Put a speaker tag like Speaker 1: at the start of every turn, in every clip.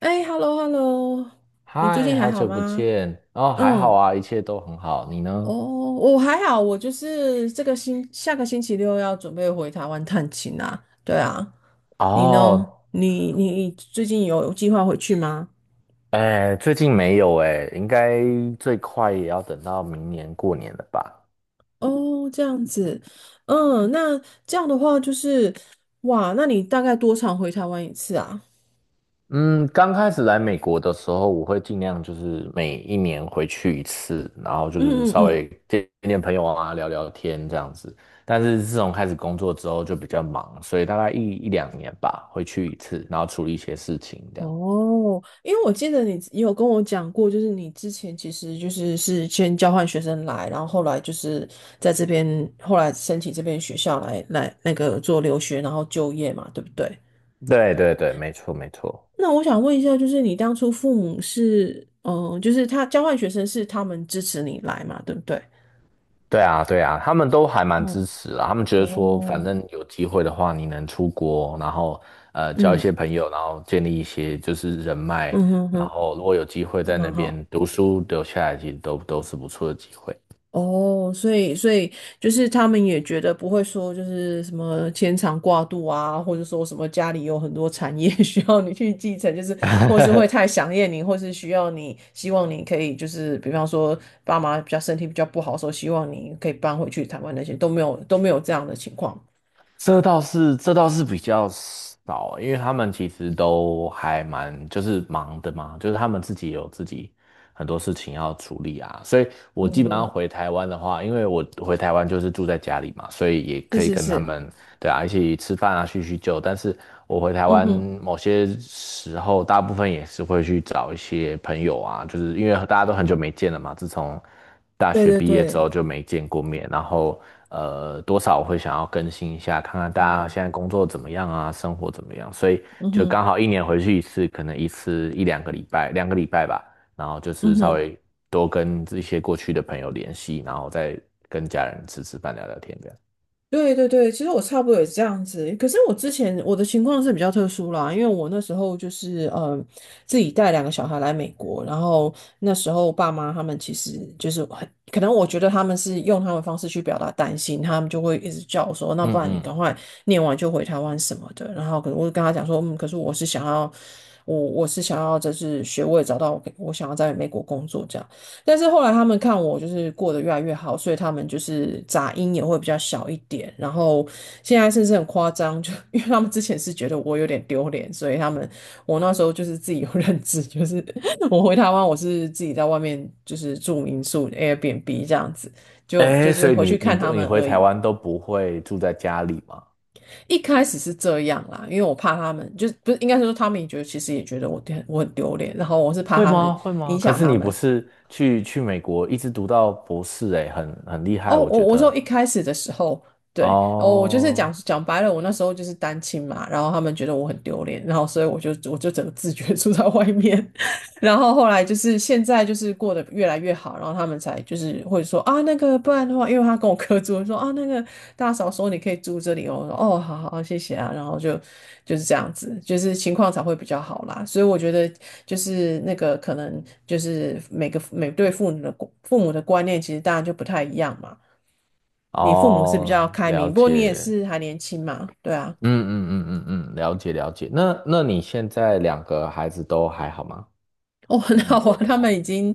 Speaker 1: 哎，hello hello，你最
Speaker 2: 嗨，
Speaker 1: 近还
Speaker 2: 好
Speaker 1: 好
Speaker 2: 久不
Speaker 1: 吗？
Speaker 2: 见。哦，还好
Speaker 1: 嗯，
Speaker 2: 啊，一切都很好。你
Speaker 1: 哦，
Speaker 2: 呢？
Speaker 1: 我还好，我就是这个星下个星期六要准备回台湾探亲啊。对啊，你呢？
Speaker 2: 哦，
Speaker 1: 你最近有计划回去吗？
Speaker 2: 哎，最近没有哎，应该最快也要等到明年过年了吧？
Speaker 1: 哦，这样子，嗯，那这样的话就是，哇，那你大概多长回台湾一次啊？
Speaker 2: 嗯，刚开始来美国的时候，我会尽量就是每一年回去一次，然后就是
Speaker 1: 嗯嗯
Speaker 2: 稍
Speaker 1: 嗯，
Speaker 2: 微见见朋友啊，聊聊天这样子。但是自从开始工作之后就比较忙，所以大概一两年吧，回去一次，然后处理一些事情这样。
Speaker 1: 哦，因为我记得你也有跟我讲过，就是你之前其实就是先交换学生来，然后后来就是在这边，后来申请这边学校来那个做留学，然后就业嘛，对不对？
Speaker 2: 对对对，没错没错。
Speaker 1: 那我想问一下，就是你当初父母是，就是他交换学生是他们支持你来嘛，对不对？
Speaker 2: 对啊，对啊，他们都还蛮
Speaker 1: 哦
Speaker 2: 支持啦。他们觉得说，反
Speaker 1: 哦，
Speaker 2: 正有机会的话，你能出国，然后交一
Speaker 1: 嗯
Speaker 2: 些朋友，然后建立一些就是人脉，
Speaker 1: 嗯哼
Speaker 2: 然
Speaker 1: 哼，
Speaker 2: 后如果有机会
Speaker 1: 还
Speaker 2: 在那
Speaker 1: 蛮好。
Speaker 2: 边读书留下来，其实都是不错的机会。
Speaker 1: 哦，所以就是他们也觉得不会说就是什么牵肠挂肚啊，或者说什么家里有很多产业 需要你去继承，就是或是会太 想念你，或是需要你希望你可以就是比方说爸妈比较身体比较不好的时候，希望你可以搬回去台湾那些都没有都没有这样的情况。
Speaker 2: 这倒是，这倒是比较少，因为他们其实都还蛮就是忙的嘛，就是他们自己有自己很多事情要处理啊，所以我
Speaker 1: 嗯
Speaker 2: 基本上
Speaker 1: 哼，
Speaker 2: 回台湾的话，因为我回台湾就是住在家里嘛，所以也
Speaker 1: 是
Speaker 2: 可以
Speaker 1: 是
Speaker 2: 跟他
Speaker 1: 是，
Speaker 2: 们对啊一起吃饭啊叙叙旧，但是我回台
Speaker 1: 嗯
Speaker 2: 湾
Speaker 1: 哼，
Speaker 2: 某些时候，大部分也是会去找一些朋友啊，就是因为大家都很久没见了嘛，自从。大
Speaker 1: 对
Speaker 2: 学
Speaker 1: 对
Speaker 2: 毕业之
Speaker 1: 对，
Speaker 2: 后就没见过面，然后多少我会想要更新一下，看看大
Speaker 1: 嗯
Speaker 2: 家
Speaker 1: 哼，
Speaker 2: 现在工作怎么样啊，生活怎么样，所以
Speaker 1: 嗯
Speaker 2: 就
Speaker 1: 哼，
Speaker 2: 刚好一年回去一次，可能一次一两个礼拜，两个礼拜吧，然后就
Speaker 1: 嗯
Speaker 2: 是稍
Speaker 1: 哼。
Speaker 2: 微多跟一些过去的朋友联系，然后再跟家人吃吃饭、聊聊天这样。
Speaker 1: 对对对，其实我差不多也是这样子。可是我之前我的情况是比较特殊啦，因为我那时候就是自己带两个小孩来美国，然后那时候爸妈他们其实就是很可能我觉得他们是用他们的方式去表达担心，他们就会一直叫我说，那不
Speaker 2: 嗯
Speaker 1: 然你
Speaker 2: 嗯，
Speaker 1: 赶快念完就回台湾什么的。然后可能我就跟他讲说，嗯，可是我是想要就是学位找到我想要在美国工作这样。但是后来他们看我就是过得越来越好，所以他们就是杂音也会比较小一点。然后现在甚至很夸张，就 因为他们之前是觉得我有点丢脸，所以他们我那时候就是自己有认知，就是 我回台湾我是自己在外面就是住民宿 Airbnb 这样子，就就
Speaker 2: 哎，
Speaker 1: 是
Speaker 2: 所以
Speaker 1: 回
Speaker 2: 你
Speaker 1: 去
Speaker 2: 你
Speaker 1: 看他
Speaker 2: 都你
Speaker 1: 们
Speaker 2: 回
Speaker 1: 而
Speaker 2: 台
Speaker 1: 已。
Speaker 2: 湾都不会住在家里吗？
Speaker 1: 一开始是这样啦，因为我怕他们，就是不是应该是说他们也觉得其实也觉得我很丢脸，然后我是怕
Speaker 2: 会
Speaker 1: 他们
Speaker 2: 吗？会
Speaker 1: 影
Speaker 2: 吗？可
Speaker 1: 响
Speaker 2: 是
Speaker 1: 他
Speaker 2: 你不
Speaker 1: 们，
Speaker 2: 是去美国一直读到博士、欸，哎，很厉
Speaker 1: 哦，
Speaker 2: 害，我
Speaker 1: 我
Speaker 2: 觉
Speaker 1: 我说
Speaker 2: 得。
Speaker 1: 一开始的时候，对，哦，我就是讲
Speaker 2: 哦
Speaker 1: 讲白了，我那时候就是单亲嘛，然后他们觉得我很丢脸，然后所以我就整个自觉住在外面，然后后来就是现在就是过得越来越好，然后他们才就是会说啊那个不然的话，因为他跟我哥住，说啊那个大嫂说你可以住这里哦，我说哦好好好谢谢啊，然后就是这样子，就是情况才会比较好啦，所以我觉得就是那个可能就是每对父母的观念其实当然就不太一样嘛。你父母是比较
Speaker 2: 哦，
Speaker 1: 开
Speaker 2: 了
Speaker 1: 明，不过你也
Speaker 2: 解，
Speaker 1: 是还年轻嘛，对啊。
Speaker 2: 嗯嗯嗯嗯嗯，了解了解。那你现在两个孩子都还好吗？
Speaker 1: 哦，很
Speaker 2: 在
Speaker 1: 好
Speaker 2: 美
Speaker 1: 啊，
Speaker 2: 国的
Speaker 1: 他
Speaker 2: 话，
Speaker 1: 们已经，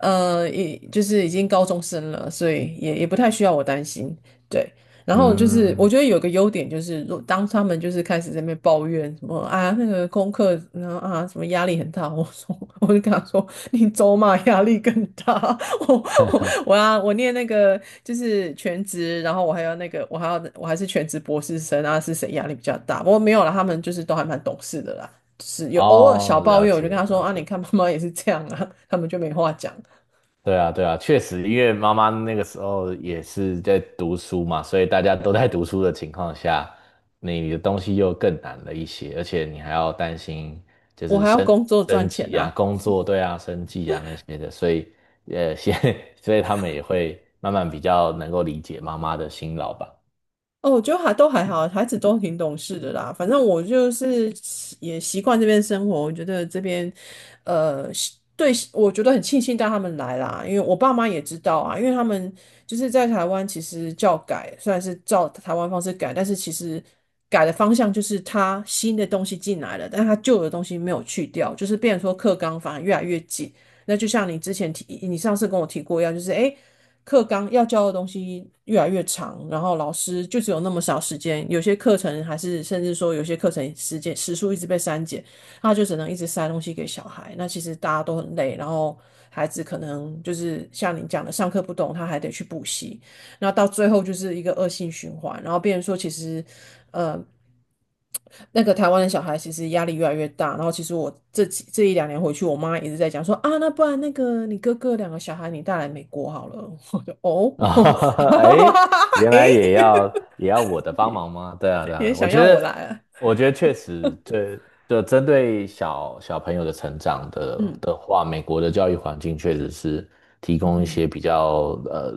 Speaker 1: 呃，已就是已经高中生了，所以也不太需要我担心。对，然后就是我
Speaker 2: 嗯，
Speaker 1: 觉得有个优点就是，当他们就是开始在那边抱怨什么啊那个功课，然后啊什么压力很大，我就跟他说，你走马压力更大，我我我要我念那个就是全职，然后我还要那个我还要我还是全职博士生啊，是谁压力比较大？不过没有啦，他们就是都还蛮懂事的啦。是有偶尔小
Speaker 2: 哦，
Speaker 1: 抱
Speaker 2: 了
Speaker 1: 怨，我就
Speaker 2: 解
Speaker 1: 跟他说
Speaker 2: 了
Speaker 1: 啊，你
Speaker 2: 解。
Speaker 1: 看妈妈也是这样啊，他们就没话讲。
Speaker 2: 对啊，对啊，确实，因为妈妈那个时候也是在读书嘛，所以大家都在读书的情况下，你的东西又更难了一些，而且你还要担心就
Speaker 1: 我
Speaker 2: 是
Speaker 1: 还要
Speaker 2: 生
Speaker 1: 工作赚
Speaker 2: 生
Speaker 1: 钱
Speaker 2: 计啊、
Speaker 1: 啊，
Speaker 2: 工作，对啊、生计啊那些的，所以先 所以他们也会慢慢比较能够理解妈妈的辛劳吧。
Speaker 1: 哦，我觉得还都还好，孩子都挺懂事的啦。反正我就是习惯这边生活，我觉得这边，是对，我觉得很庆幸带他们来啦，因为我爸妈也知道啊，因为他们就是在台湾，其实教改虽然是照台湾方式改，但是其实改的方向就是他新的东西进来了，但他旧的东西没有去掉，就是变成说课纲反而越来越紧。那就像你之前提，你上次跟我提过一样，就是诶。课纲要教的东西越来越长，然后老师就只有那么少时间，有些课程还是甚至说有些课程时间时数一直被删减，他就只能一直塞东西给小孩。那其实大家都很累，然后孩子可能就是像你讲的，上课不懂，他还得去补习，那到最后就是一个恶性循环，然后变成说其实呃，那个台湾的小孩其实压力越来越大，然后其实我这一两年回去，我妈一直在讲说啊，那不然那个你哥哥两个小孩你带来美国好了，我就哦，
Speaker 2: 啊，哎，原来
Speaker 1: 诶，
Speaker 2: 也要我的帮忙吗？对啊，对
Speaker 1: 也
Speaker 2: 啊，我
Speaker 1: 想
Speaker 2: 觉
Speaker 1: 要我
Speaker 2: 得，
Speaker 1: 来啊，
Speaker 2: 我觉得确实，这就针对小朋友的成长的
Speaker 1: 嗯
Speaker 2: 的话，美国的教育环境确实是提
Speaker 1: 嗯
Speaker 2: 供一
Speaker 1: 哼
Speaker 2: 些比较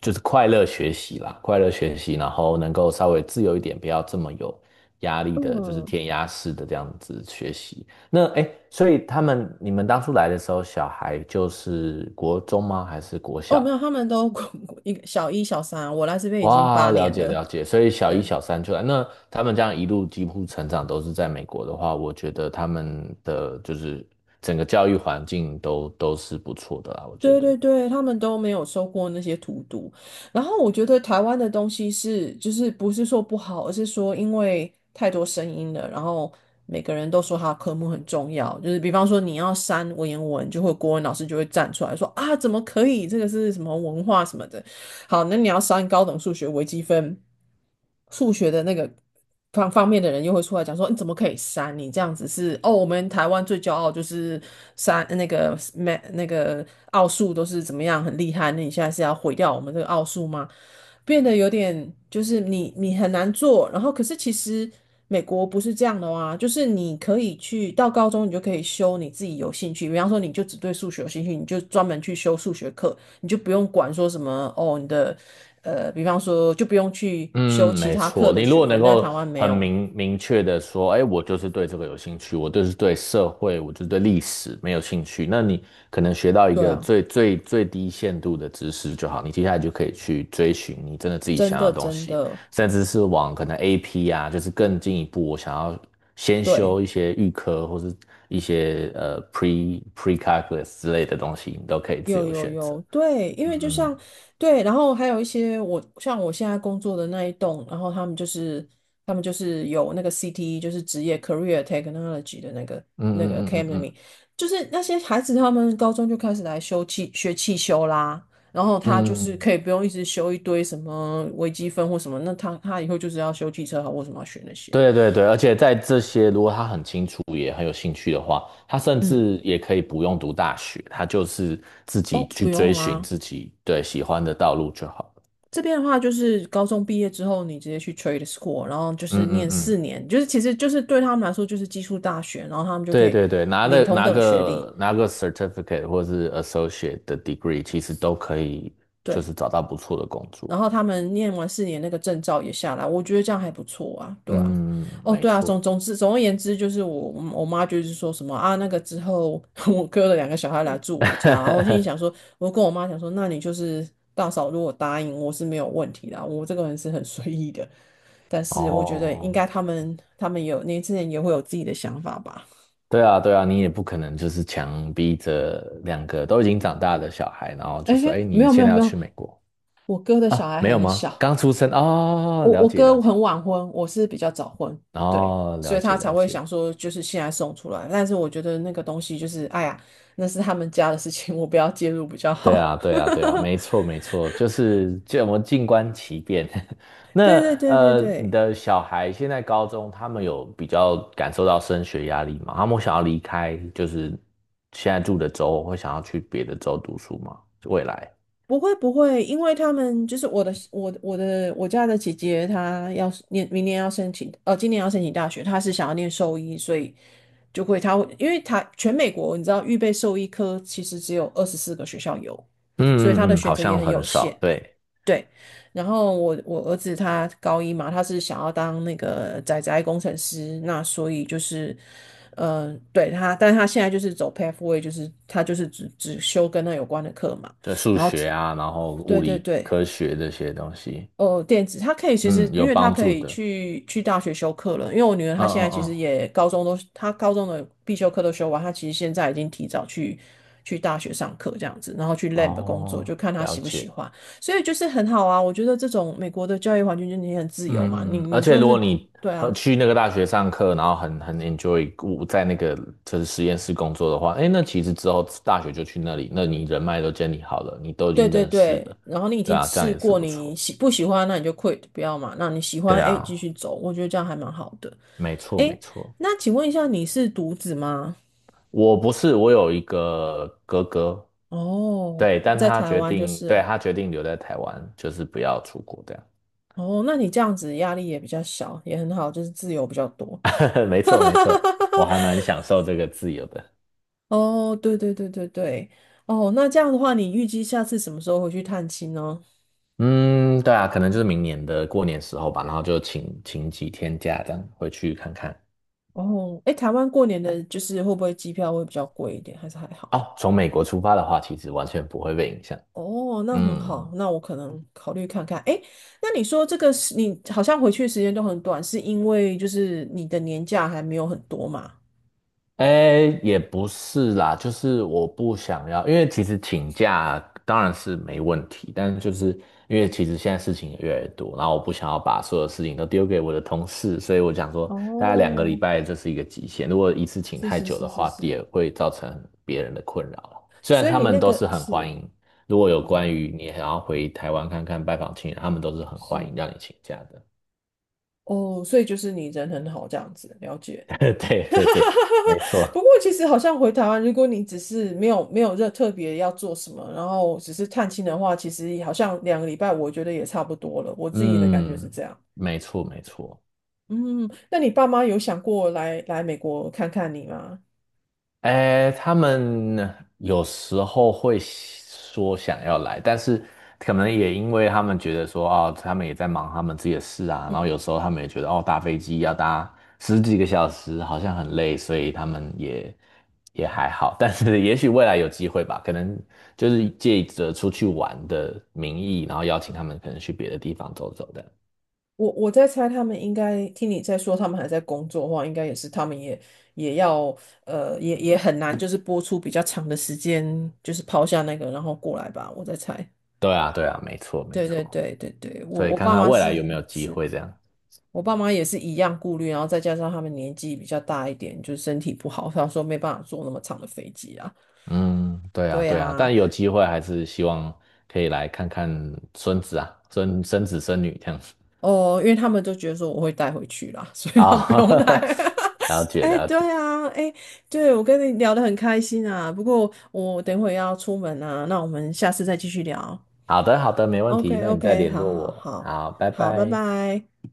Speaker 2: 就是快乐学习啦，快乐学习，然后能够稍微自由一点，不要这么有压力的，就是
Speaker 1: 嗯，
Speaker 2: 填鸭式的这样子学习。那哎，诶所以你们当初来的时候，小孩就是国中吗？还是国
Speaker 1: 哦
Speaker 2: 小？
Speaker 1: 没有，他们都 一个小一小三啊，我来这边已经八
Speaker 2: 哇，了
Speaker 1: 年
Speaker 2: 解
Speaker 1: 了，
Speaker 2: 了解，所以小一、
Speaker 1: 对。
Speaker 2: 小三出来，那他们这样一路几乎成长都是在美国的话，我觉得他们的就是整个教育环境都是不错的啦，我觉
Speaker 1: 对
Speaker 2: 得。
Speaker 1: 对对，他们都没有收过那些荼毒。然后我觉得台湾的东西是，就是不是说不好，而是说因为太多声音了，然后每个人都说他的科目很重要。就是比方说你要删文言文，国文老师就会站出来说啊，怎么可以？这个是什么文化什么的。好，那你要删高等数学微积分。数学的那个方方面的人又会出来讲说，你怎么可以删？你这样子是哦，我们台湾最骄傲就是删那个 m 那个奥数都是怎么样很厉害，那你现在是要毁掉我们这个奥数吗？变得有点就是你很难做，然后可是其实美国不是这样的啊，就是你可以去到高中你就可以修你自己有兴趣，比方说你就只对数学有兴趣，你就专门去修数学课，你就不用管说什么哦你的。比方说就不用去修
Speaker 2: 嗯，
Speaker 1: 其
Speaker 2: 没
Speaker 1: 他课
Speaker 2: 错。你
Speaker 1: 的
Speaker 2: 如
Speaker 1: 学
Speaker 2: 果
Speaker 1: 分，
Speaker 2: 能
Speaker 1: 但台
Speaker 2: 够
Speaker 1: 湾没
Speaker 2: 很
Speaker 1: 有。
Speaker 2: 明明确的说，哎，我就是对这个有兴趣，我就是对社会，我就是对历史没有兴趣，那你可能学到一
Speaker 1: 对
Speaker 2: 个
Speaker 1: 啊，
Speaker 2: 最最最低限度的知识就好，你接下来就可以去追寻你真的自己
Speaker 1: 真
Speaker 2: 想要
Speaker 1: 的
Speaker 2: 的东
Speaker 1: 真
Speaker 2: 西，
Speaker 1: 的，
Speaker 2: 甚至是往可能 AP 啊，就是更进一步，我想要先
Speaker 1: 对，
Speaker 2: 修一些预科或是一些pre calculus 之类的东西，你都可以自
Speaker 1: 有
Speaker 2: 由
Speaker 1: 有
Speaker 2: 选择。
Speaker 1: 有，对，因为就像对，然后还有一些像我现在工作的那一栋，然后他们就是有那个 CTE，就是职业 Career Technology 的
Speaker 2: 嗯
Speaker 1: 那
Speaker 2: 嗯
Speaker 1: 个
Speaker 2: 嗯嗯嗯嗯嗯。
Speaker 1: Academy，就是那些孩子他们高中就开始来修汽修啦。然后他就是
Speaker 2: 嗯
Speaker 1: 可以不用一直修一堆什么微积分或什么，那他以后就是要修汽车好，为什么要学那些？
Speaker 2: 对对对，而且在这些，如果他很清楚也很有兴趣的话，他甚
Speaker 1: 嗯，
Speaker 2: 至也可以不用读大学，他就是自己
Speaker 1: 哦，
Speaker 2: 去
Speaker 1: 不
Speaker 2: 追
Speaker 1: 用
Speaker 2: 寻
Speaker 1: 啦。
Speaker 2: 自己对喜欢的道路就好了。
Speaker 1: 这边的话，就是高中毕业之后，你直接去 trade school，然后就是
Speaker 2: 嗯嗯
Speaker 1: 念
Speaker 2: 嗯，
Speaker 1: 四年，就是其实就是对他们来说就是技术大学，然后他们就可
Speaker 2: 对
Speaker 1: 以
Speaker 2: 对对，拿
Speaker 1: 领
Speaker 2: 了
Speaker 1: 同
Speaker 2: 拿
Speaker 1: 等学历，
Speaker 2: 个拿个 certificate 或是 associate 的 degree,其实都可以，就
Speaker 1: 对。
Speaker 2: 是找到不错的工作
Speaker 1: 然后
Speaker 2: 了。
Speaker 1: 他们念完四年那个证照也下来，我觉得这样还不错啊，对啊。
Speaker 2: 嗯，
Speaker 1: 哦，
Speaker 2: 没
Speaker 1: 对啊，
Speaker 2: 错。
Speaker 1: 总而言之，就是我妈就是说什么啊，那个之后 我哥的两个小孩来住我家，然后我心里 想说，我就跟我妈讲说，那你就是大嫂，如果答应我是没有问题的啊，我这个人是很随意的。但是我觉得应
Speaker 2: 哦，
Speaker 1: 该他们有年轻人也会有自己的想法吧。
Speaker 2: 对啊，对啊，你也不可能就是强逼着两个都已经长大的小孩，然后
Speaker 1: 哎，
Speaker 2: 就说："哎，
Speaker 1: 没
Speaker 2: 你
Speaker 1: 有没
Speaker 2: 现
Speaker 1: 有
Speaker 2: 在
Speaker 1: 没
Speaker 2: 要
Speaker 1: 有，
Speaker 2: 去美国
Speaker 1: 我哥的小
Speaker 2: 啊？
Speaker 1: 孩
Speaker 2: 没有
Speaker 1: 很
Speaker 2: 吗？
Speaker 1: 小，
Speaker 2: 刚出生哦，
Speaker 1: 我
Speaker 2: 了
Speaker 1: 我
Speaker 2: 解了
Speaker 1: 哥
Speaker 2: 解，
Speaker 1: 很晚婚，我是比较早婚，对，
Speaker 2: 哦，
Speaker 1: 所
Speaker 2: 了
Speaker 1: 以他
Speaker 2: 解
Speaker 1: 才
Speaker 2: 了
Speaker 1: 会
Speaker 2: 解。"
Speaker 1: 想说，就是现在送出来。但是我觉得那个东西就是，哎呀，那是他们家的事情，我不要介入比较
Speaker 2: 对
Speaker 1: 好。
Speaker 2: 啊，对啊，对啊，没错没错，就是这我们静观其变。
Speaker 1: 对
Speaker 2: 那
Speaker 1: 对对对
Speaker 2: 你
Speaker 1: 对，
Speaker 2: 的小孩现在高中，他们有比较感受到升学压力吗？他们想要离开，就是现在住的州，或想要去别的州读书吗？未来？
Speaker 1: 不会不会，因为他们就是我我家的姐姐，她要念明年要申请，今年要申请大学，她是想要念兽医，所以就会他会，因为他全美国你知道预备兽医科其实只有24个学校有，所以他的
Speaker 2: 嗯嗯嗯，
Speaker 1: 选
Speaker 2: 好
Speaker 1: 择也
Speaker 2: 像
Speaker 1: 很
Speaker 2: 很
Speaker 1: 有
Speaker 2: 少，
Speaker 1: 限。
Speaker 2: 对。
Speaker 1: 对，然后我儿子他高一嘛，他是想要当那个工程师，那所以就是，嗯、对他，但他现在就是走 pathway，就是他就是只修跟那有关的课嘛，
Speaker 2: 对数
Speaker 1: 然后
Speaker 2: 学啊，然后
Speaker 1: 对
Speaker 2: 物
Speaker 1: 对
Speaker 2: 理
Speaker 1: 对，
Speaker 2: 科学这些东西，
Speaker 1: 呃，电子，它可以其实，
Speaker 2: 嗯，
Speaker 1: 因
Speaker 2: 有
Speaker 1: 为它
Speaker 2: 帮
Speaker 1: 可
Speaker 2: 助
Speaker 1: 以
Speaker 2: 的。
Speaker 1: 去大学修课了。因为我女儿
Speaker 2: 嗯
Speaker 1: 她现在
Speaker 2: 嗯
Speaker 1: 其实
Speaker 2: 嗯，
Speaker 1: 也高中都，她高中的必修课都修完，她其实现在已经提早去大学上课这样子，然后去 lab 工作，就
Speaker 2: 哦，
Speaker 1: 看她
Speaker 2: 了
Speaker 1: 喜不喜
Speaker 2: 解。
Speaker 1: 欢。所以就是很好啊，我觉得这种美国的教育环境就是你很自由嘛，你
Speaker 2: 嗯，而
Speaker 1: 你
Speaker 2: 且
Speaker 1: 就
Speaker 2: 如果
Speaker 1: 是
Speaker 2: 你
Speaker 1: 对啊，
Speaker 2: 去那个大学上课，然后很 enjoy 我在那个就是实验室工作的话，哎，那其实之后大学就去那里，那你人脉都建立好了，你都已
Speaker 1: 对
Speaker 2: 经
Speaker 1: 对
Speaker 2: 认识了，
Speaker 1: 对，然后你已
Speaker 2: 对
Speaker 1: 经
Speaker 2: 啊，这样
Speaker 1: 试
Speaker 2: 也是
Speaker 1: 过，
Speaker 2: 不
Speaker 1: 你
Speaker 2: 错。
Speaker 1: 喜不喜欢，那你就 quit 不要嘛，那你喜
Speaker 2: 对
Speaker 1: 欢，哎，继
Speaker 2: 啊，
Speaker 1: 续走，我觉得这样还蛮好的。
Speaker 2: 没错没
Speaker 1: 哎，
Speaker 2: 错。
Speaker 1: 那请问一下，你是独子吗？
Speaker 2: 我不是，我有一个哥哥，
Speaker 1: 哦，
Speaker 2: 对，
Speaker 1: 那
Speaker 2: 但
Speaker 1: 在
Speaker 2: 他
Speaker 1: 台
Speaker 2: 决
Speaker 1: 湾就
Speaker 2: 定，
Speaker 1: 是
Speaker 2: 对，
Speaker 1: 了。
Speaker 2: 他决定留在台湾，就是不要出国这样。
Speaker 1: 哦，那你这样子压力也比较小，也很好，就是自由比较多。
Speaker 2: 没错，没错，我还 蛮享受这个自由的。
Speaker 1: 哦，对对对对对，哦，那这样的话，你预计下次什么时候回去探亲呢？
Speaker 2: 嗯，对啊，可能就是明年的过年时候吧，然后就请几天假这样回去看看。
Speaker 1: 哦，诶，台湾过年的就是会不会机票会比较贵一点，还是还好？
Speaker 2: 哦，从美国出发的话，其实完全不会被影响。
Speaker 1: 哦，那很好，
Speaker 2: 嗯。
Speaker 1: 那我可能考虑看看。诶，那你说这个是你好像回去的时间都很短，是因为就是你的年假还没有很多嘛？
Speaker 2: 哎，也不是啦，就是我不想要，因为其实请假当然是没问题，但是就是因为其实现在事情也越来越多，然后我不想要把所有事情都丢给我的同事，所以我想说，大概两个礼
Speaker 1: 哦，
Speaker 2: 拜这是一个极限，如果一次请
Speaker 1: 是
Speaker 2: 太
Speaker 1: 是
Speaker 2: 久的
Speaker 1: 是是
Speaker 2: 话，
Speaker 1: 是，
Speaker 2: 也会造成别人的困扰啦虽然
Speaker 1: 所以
Speaker 2: 他
Speaker 1: 你
Speaker 2: 们
Speaker 1: 那
Speaker 2: 都是
Speaker 1: 个
Speaker 2: 很欢
Speaker 1: 是
Speaker 2: 迎，如果有关
Speaker 1: 哦，
Speaker 2: 于你想要回台湾看看拜访亲人，他们都是很欢
Speaker 1: 是
Speaker 2: 迎让你请假的。
Speaker 1: 哦，所以就是你人很好这样子，了解。
Speaker 2: 对对对，没错，
Speaker 1: 不过其实好像回台湾，如果你只是没有没有热特别要做什么，然后只是探亲的话，其实好像两个礼拜，我觉得也差不多了。我自己的感觉是
Speaker 2: 嗯，
Speaker 1: 这样。
Speaker 2: 没错没错。
Speaker 1: 嗯，那你爸妈有想过来美国看看你吗？
Speaker 2: 哎，他们有时候会说想要来，但是可能也因为他们觉得说，哦，他们也在忙他们自己的事啊，然后有
Speaker 1: 嗯，
Speaker 2: 时候他们也觉得，哦，搭飞机要搭十几个小时，好像很累，所以他们也还好。但是也许未来有机会吧，可能就是借着出去玩的名义，然后邀请他们可能去别的地方走走的。
Speaker 1: 我在猜，他们应该听你在说，他们还在工作的话，应该也是他们也也要呃，也也很难，就是播出比较长的时间，就是抛下那个，然后过来吧。我在猜，
Speaker 2: 对啊，对啊，没错，没
Speaker 1: 对对
Speaker 2: 错。
Speaker 1: 对对对，我
Speaker 2: 所以
Speaker 1: 我
Speaker 2: 看
Speaker 1: 爸
Speaker 2: 看
Speaker 1: 妈
Speaker 2: 未来有
Speaker 1: 是
Speaker 2: 没有机
Speaker 1: 是，
Speaker 2: 会这样。
Speaker 1: 我爸妈也是一样顾虑，然后再加上他们年纪比较大一点，就是身体不好，他说没办法坐那么长的飞机啊。
Speaker 2: 嗯，对啊，
Speaker 1: 对
Speaker 2: 对啊，
Speaker 1: 啊，
Speaker 2: 但有机会还是希望可以来看看孙子啊，孙子孙女这样子
Speaker 1: 哦，因为他们都觉得说我会带回去啦，所以他们
Speaker 2: 啊，
Speaker 1: 不用带。
Speaker 2: 了解
Speaker 1: 哎
Speaker 2: 了
Speaker 1: 对
Speaker 2: 解，
Speaker 1: 啊，哎，对，我跟你聊得很开心啊。不过我等会要出门啊，那我们下次再继续聊。
Speaker 2: 好的好的，没问题，那你再
Speaker 1: OK，OK，
Speaker 2: 联
Speaker 1: 好
Speaker 2: 络
Speaker 1: 好
Speaker 2: 我，
Speaker 1: 好
Speaker 2: 好，拜
Speaker 1: 好，拜
Speaker 2: 拜。
Speaker 1: 拜。